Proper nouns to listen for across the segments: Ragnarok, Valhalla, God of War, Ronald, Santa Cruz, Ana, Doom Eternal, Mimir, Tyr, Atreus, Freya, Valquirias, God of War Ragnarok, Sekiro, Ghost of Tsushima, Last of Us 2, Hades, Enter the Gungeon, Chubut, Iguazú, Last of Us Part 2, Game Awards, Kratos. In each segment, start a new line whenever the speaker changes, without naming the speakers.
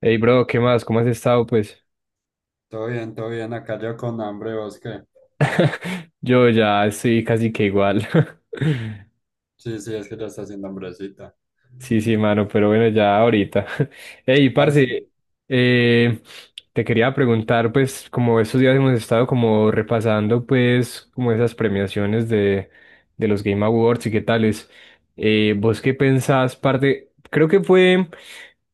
Hey bro, ¿qué más? ¿Cómo has estado? Pues
Todo bien, todo bien. Acá yo con hambre, ¿vos qué?
yo ya estoy casi que igual.
Sí, sí, es que ya está haciendo hambrecita.
Sí, sí, mano, pero bueno, ya ahorita. Hey,
Ah, sí.
parce, eh, te quería preguntar, pues, como estos días hemos estado como repasando, pues, como esas premiaciones de los Game Awards y qué tales. ¿Vos qué pensás, parte? Creo que fue,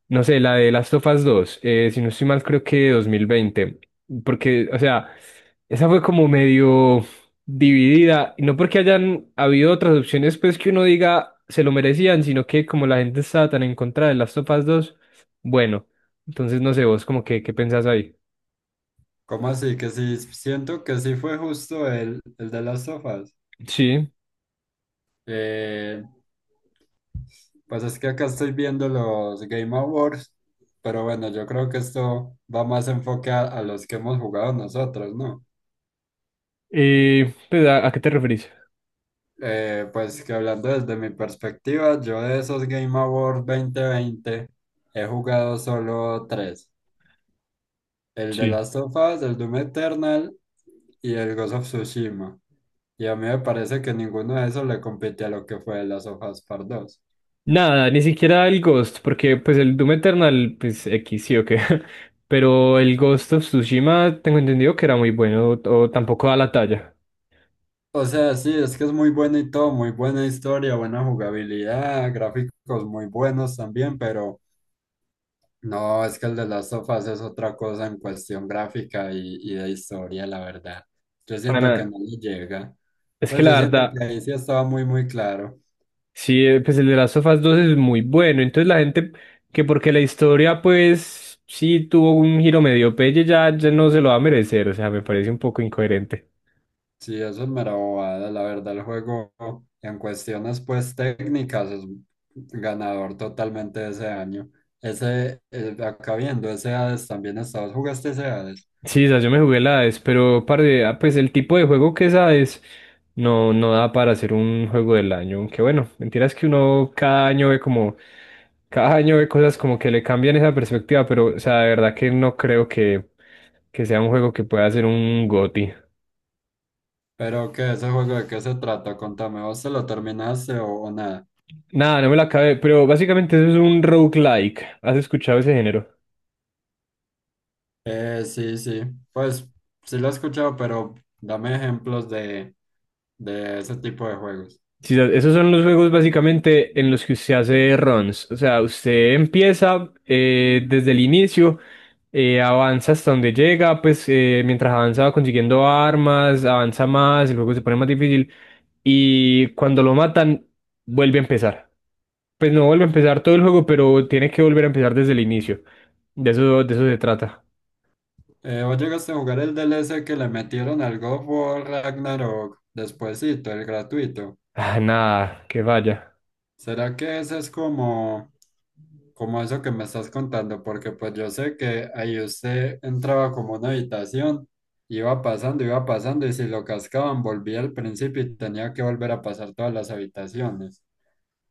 no sé, la de Last of Us 2, si no estoy mal, creo que 2020, porque, o sea, esa fue como medio dividida. Y no porque hayan habido otras opciones, pues que uno diga se lo merecían, sino que como la gente estaba tan en contra de las topas dos, bueno, entonces no sé vos, como que, ¿qué pensás ahí?
¿Cómo así? Que sí, siento que sí fue justo el de las sofas.
Sí.
Eh, pues es que acá estoy viendo los Game Awards, pero bueno, yo creo que esto va más enfoque a los que hemos jugado nosotros, ¿no?
Pues, ¿a qué te referís?
Pues que hablando desde mi perspectiva, yo de esos Game Awards 2020 he jugado solo tres. El de
Sí.
Last of Us, el Doom Eternal y el Ghost of Tsushima. Y a mí me parece que ninguno de esos le compite a lo que fue Last of Us Part 2.
Nada, ni siquiera el Ghost, porque pues el Doom Eternal, pues X sí o qué. Pero el Ghost of Tsushima tengo entendido que era muy bueno, o tampoco da la talla.
O sea, sí, es que es muy bueno y todo, muy buena historia, buena jugabilidad, gráficos muy buenos también, pero no, es que el de Last of Us es otra cosa en cuestión gráfica y de historia, la verdad. Yo
Para
siento que
nada.
no le llega.
Es que
Entonces
la
yo siento
verdad.
que ahí sí estaba muy, muy claro.
Sí, pues el de las sofás 2 es muy bueno. Entonces la gente que porque la historia pues sí tuvo un giro medio pelle ya, ya no se lo va a merecer. O sea, me parece un poco incoherente.
Sí, eso es mera bobada, la verdad, el juego en cuestiones pues técnicas es ganador totalmente de ese año. Ese, acá viendo, ese Hades también estabas, jugaste ese Hades,
Sí, esa yo me jugué la AES, pero parce, pues el tipo de juego que es AES no da para hacer un juego del año. Aunque bueno, mentira es que uno cada año ve cosas como que le cambian esa perspectiva, pero o sea, de verdad que no creo que sea un juego que pueda ser un GOTY.
pero ¿qué ese juego de qué se trata? Contame, ¿vos se lo terminaste o nada?
Nada, no me la acabé, pero básicamente eso es un roguelike. ¿Has escuchado ese género?
Sí, sí, pues sí lo he escuchado, pero dame ejemplos de ese tipo de juegos.
Sí, o sea, esos son los juegos básicamente en los que usted hace runs. O sea, usted empieza desde el inicio, avanza hasta donde llega, pues mientras avanza va consiguiendo armas, avanza más, el juego se pone más difícil y cuando lo matan vuelve a empezar. Pues no vuelve a empezar todo el juego, pero tiene que volver a empezar desde el inicio. De eso se trata.
¿Vos llegaste a jugar el DLC que le metieron al God of War Ragnarok despuésito, el gratuito?
Ah, nada, que vaya.
¿Será que eso es como, como eso que me estás contando? Porque pues yo sé que ahí usted entraba como una habitación, iba pasando, y si lo cascaban, volvía al principio y tenía que volver a pasar todas las habitaciones.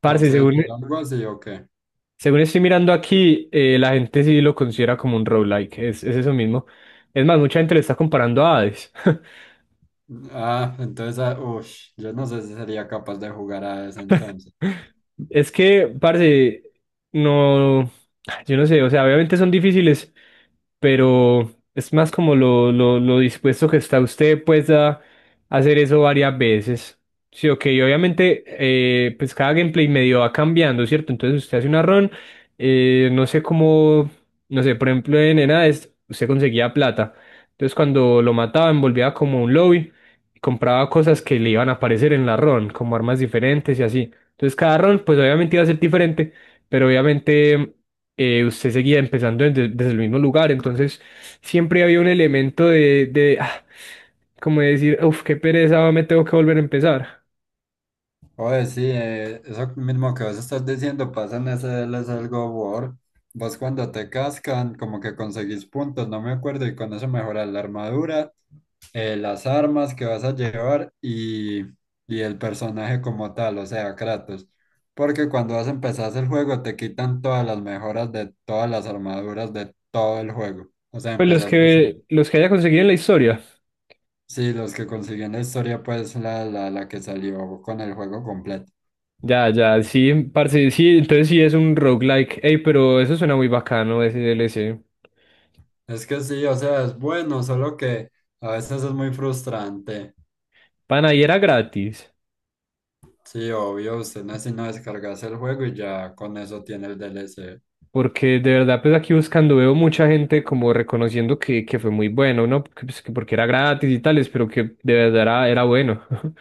Parce, según,
¿era algo así o qué?
Según estoy mirando aquí, la gente sí lo considera como un roguelike, es eso mismo. Es más, mucha gente le está comparando a Hades.
Ah, entonces, ah, ush, yo no sé si sería capaz de jugar a ese entonces.
Es que, parce, no, yo no sé, o sea, obviamente son difíciles, pero es más como lo dispuesto que está usted, pues, a hacer eso varias veces. Sí, ok, y obviamente, pues cada gameplay medio va cambiando, ¿cierto? Entonces usted hace una run, no sé cómo, no sé, por ejemplo, en enades usted conseguía plata. Entonces cuando lo mataban, volvía como a un lobby y compraba cosas que le iban a aparecer en la run, como armas diferentes y así. Entonces cada rol, pues obviamente iba a ser diferente, pero obviamente usted seguía empezando desde el mismo lugar, entonces siempre había un elemento de, como de decir, uff, qué pereza, me tengo que volver a empezar.
Oye, sí, eso mismo que vos estás diciendo pasa en SL, es algo war. Vos cuando te cascan, como que conseguís puntos, no me acuerdo, y con eso mejoras la armadura, las armas que vas a llevar y el personaje como tal, o sea, Kratos. Porque cuando vas a empezar el juego te quitan todas las mejoras de todas las armaduras de todo el juego. O sea,
Pues los
empezás de cero.
que, los que haya conseguido en la historia.
Sí, los que consiguen la historia, pues la que salió con el juego completo.
Ya, ya, sí, parce, sí, entonces sí es un roguelike. Ey, pero eso suena muy bacano, ese DLC.
Es que sí, o sea, es bueno, solo que a veces es muy frustrante.
Pana, y era gratis.
Sí, obvio, usted no es sino descargarse el juego y ya con eso tiene el DLC.
Porque de verdad, pues aquí buscando veo mucha gente como reconociendo que fue muy bueno, ¿no? Porque, pues, que porque era gratis y tales, pero que de verdad era bueno.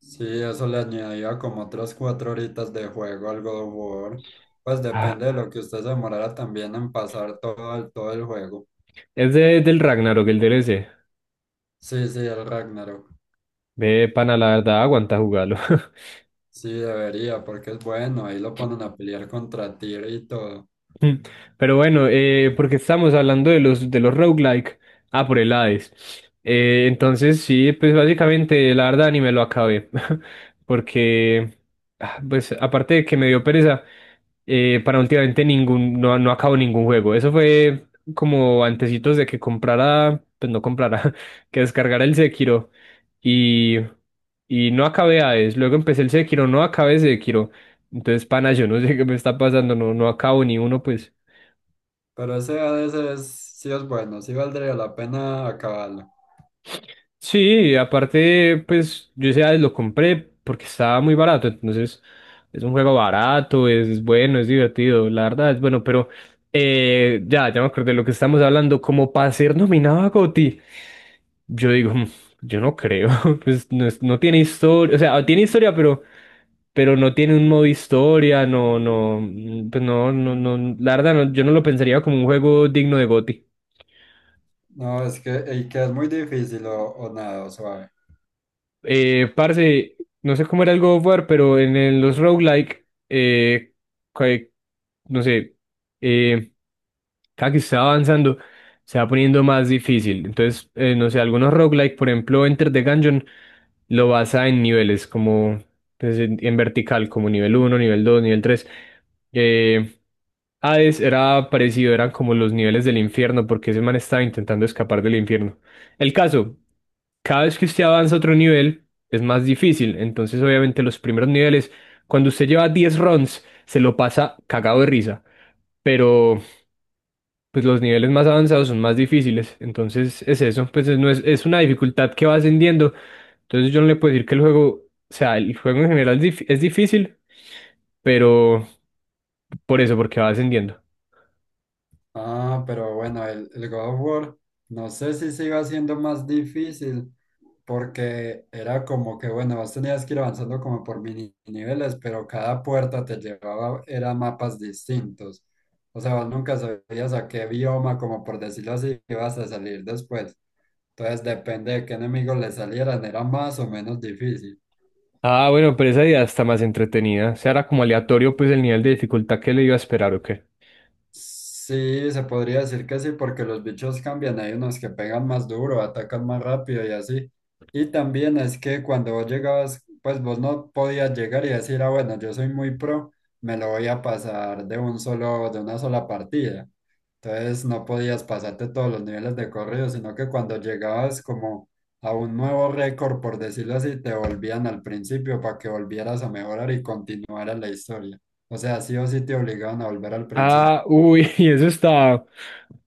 Sí, eso le añadía como otras 4 horitas de juego al God of War. Pues
Ah,
depende de lo que usted se demorara también en pasar todo el juego.
es del Ragnarok, el DLC.
Sí, sí, el Ragnarok.
Ve, pana, la verdad, aguanta jugarlo.
Sí, debería, porque es bueno, ahí lo ponen a pelear contra Tyr y todo.
Mm, Pero bueno, porque estamos hablando de los roguelike. Ah, por el Hades. Entonces, sí, pues básicamente, la verdad, ni me lo acabé. Porque, pues aparte de que me dio pereza. No, no acabo ningún juego. Eso fue como antecitos de que comprara, pues no comprara, que descargara el Sekiro y, y no acabé Hades. Luego empecé el Sekiro, no acabé Sekiro. Entonces, pana, yo no sé qué me está pasando, no, no acabo ni uno, pues.
Pero ese a veces sí es bueno, sí valdría la pena acabarlo.
Sí, aparte, pues yo ese Hades lo compré porque estaba muy barato, entonces es un juego barato, es bueno, es divertido, la verdad es bueno, pero ya, ya me acordé de lo que estamos hablando. Como para ser nominado a GOTY, yo digo, "Mm, yo no creo, pues no, no tiene historia, o sea, tiene historia, pero, no tiene un modo historia, no, no, mm, pues no, no, no, la verdad no, yo no lo pensaría como un juego digno de GOTY".
No, es que el que es muy difícil o nada, o suave.
Parce, no sé cómo era el God of War, pero los roguelike, que- no sé, eh, cada que se va avanzando se va poniendo más difícil. Entonces, no sé, algunos roguelike, por ejemplo, Enter the Gungeon, lo basa en niveles, como pues, en vertical, como nivel uno, nivel dos, nivel tres. Eh, Hades era parecido, eran como los niveles del infierno, porque ese man estaba intentando escapar del infierno. El caso, cada vez que usted avanza a otro nivel, es más difícil. Entonces, obviamente, los primeros niveles, cuando usted lleva 10 runs, se lo pasa cagado de risa. Pero pues los niveles más avanzados son más difíciles. Entonces es eso, pues es, no es, es una dificultad que va ascendiendo. Entonces yo no le puedo decir que el juego, o sea, el juego en general es es difícil, pero por eso, porque va ascendiendo.
Ah, pero bueno, el God of War, no sé si se iba haciendo más difícil, porque era como que, bueno, vos tenías que ir avanzando como por mini niveles, pero cada puerta te llevaba, era mapas distintos. O sea, vos nunca sabías a qué bioma, como por decirlo así, ibas a salir después. Entonces, depende de qué enemigos le salieran, era más o menos difícil.
Ah, bueno, pero esa idea está más entretenida. O sea, era como aleatorio, pues el nivel de dificultad que le iba a esperar, ¿o qué?
Sí, se podría decir que sí, porque los bichos cambian, hay unos que pegan más duro, atacan más rápido y así. Y también es que cuando vos llegabas, pues vos no podías llegar y decir, ah, bueno, yo soy muy pro, me lo voy a pasar de un solo, de una sola partida. Entonces no podías pasarte todos los niveles de corrido, sino que cuando llegabas como a un nuevo récord, por decirlo así, te volvían al principio para que volvieras a mejorar y continuara la historia. O sea, sí o sí te obligaban a volver al principio.
Ah, uy, y eso está,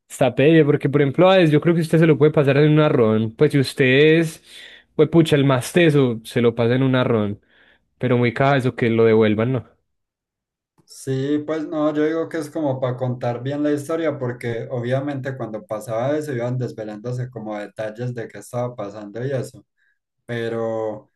está pelle, porque por ejemplo, a Hades, yo creo que usted se lo puede pasar en un arrón. Pues si usted es, pues pucha, el más teso, se lo pasa en un arrón. Pero muy caja eso que lo devuelvan, ¿no?
Sí, pues no, yo digo que es como para contar bien la historia, porque obviamente cuando pasaba eso iban desvelándose como detalles de qué estaba pasando y eso, pero,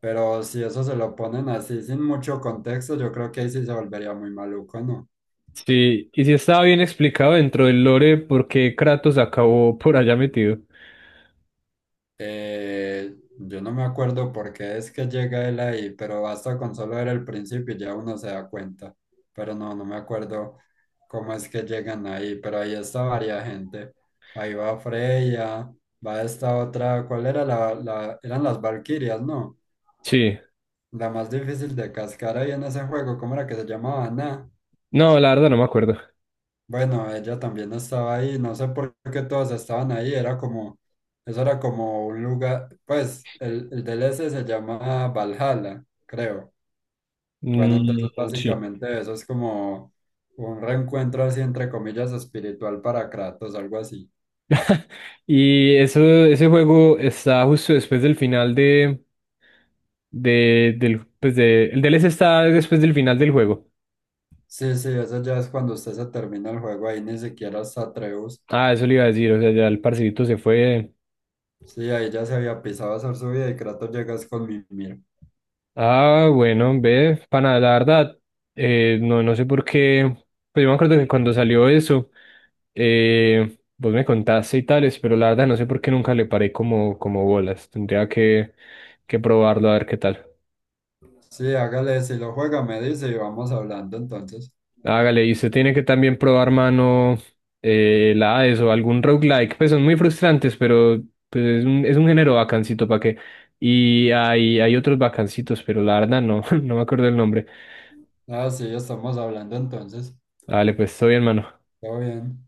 pero si eso se lo ponen así sin mucho contexto, yo creo que ahí sí se volvería muy maluco, ¿no?
Sí, y sí estaba bien explicado dentro del lore por qué Kratos acabó por allá metido.
Yo no me acuerdo por qué es que llega él ahí, pero basta con solo ver el principio y ya uno se da cuenta. Pero no, no me acuerdo cómo es que llegan ahí, pero ahí está varia gente. Ahí va Freya, va esta otra, ¿cuál era eran las Valquirias, ¿no?
Sí,
La más difícil de cascar ahí en ese juego, ¿cómo era que se llamaba? Ana.
no, la verdad no me acuerdo.
Bueno, ella también estaba ahí, no sé por qué todos estaban ahí, era como, eso era como un lugar, pues el DLC se llama Valhalla, creo. Bueno,
Mm,
entonces
sí.
básicamente eso es como un reencuentro así entre comillas espiritual para Kratos, algo así.
Y eso, ese juego está justo después del final de, el DLC está después del final del juego.
Sí, sí, eso ya es cuando usted se termina el juego, ahí ni siquiera está Atreus.
Ah, eso le iba a decir, o sea, ya el parcerito se fue.
Sí, ahí ya se había pisado a hacer su vida y Kratos llegas con Mimir.
Ah, bueno, ve, pana, la verdad, no, no sé por qué, pues yo me acuerdo que cuando salió eso, vos me contaste y tales, pero la verdad no sé por qué nunca le paré como bolas. Tendría que probarlo a ver qué tal.
Sí, hágale, si lo juega me dice y vamos hablando entonces.
Hágale, y usted tiene que también probar mano la Hades o algún roguelike. Pues son muy frustrantes, pero pues es un género bacancito para que. Y hay otros bacancitos, pero la verdad no, no me acuerdo el nombre.
Ah, sí, estamos hablando entonces.
Dale, pues estoy bien, mano.
Todo bien.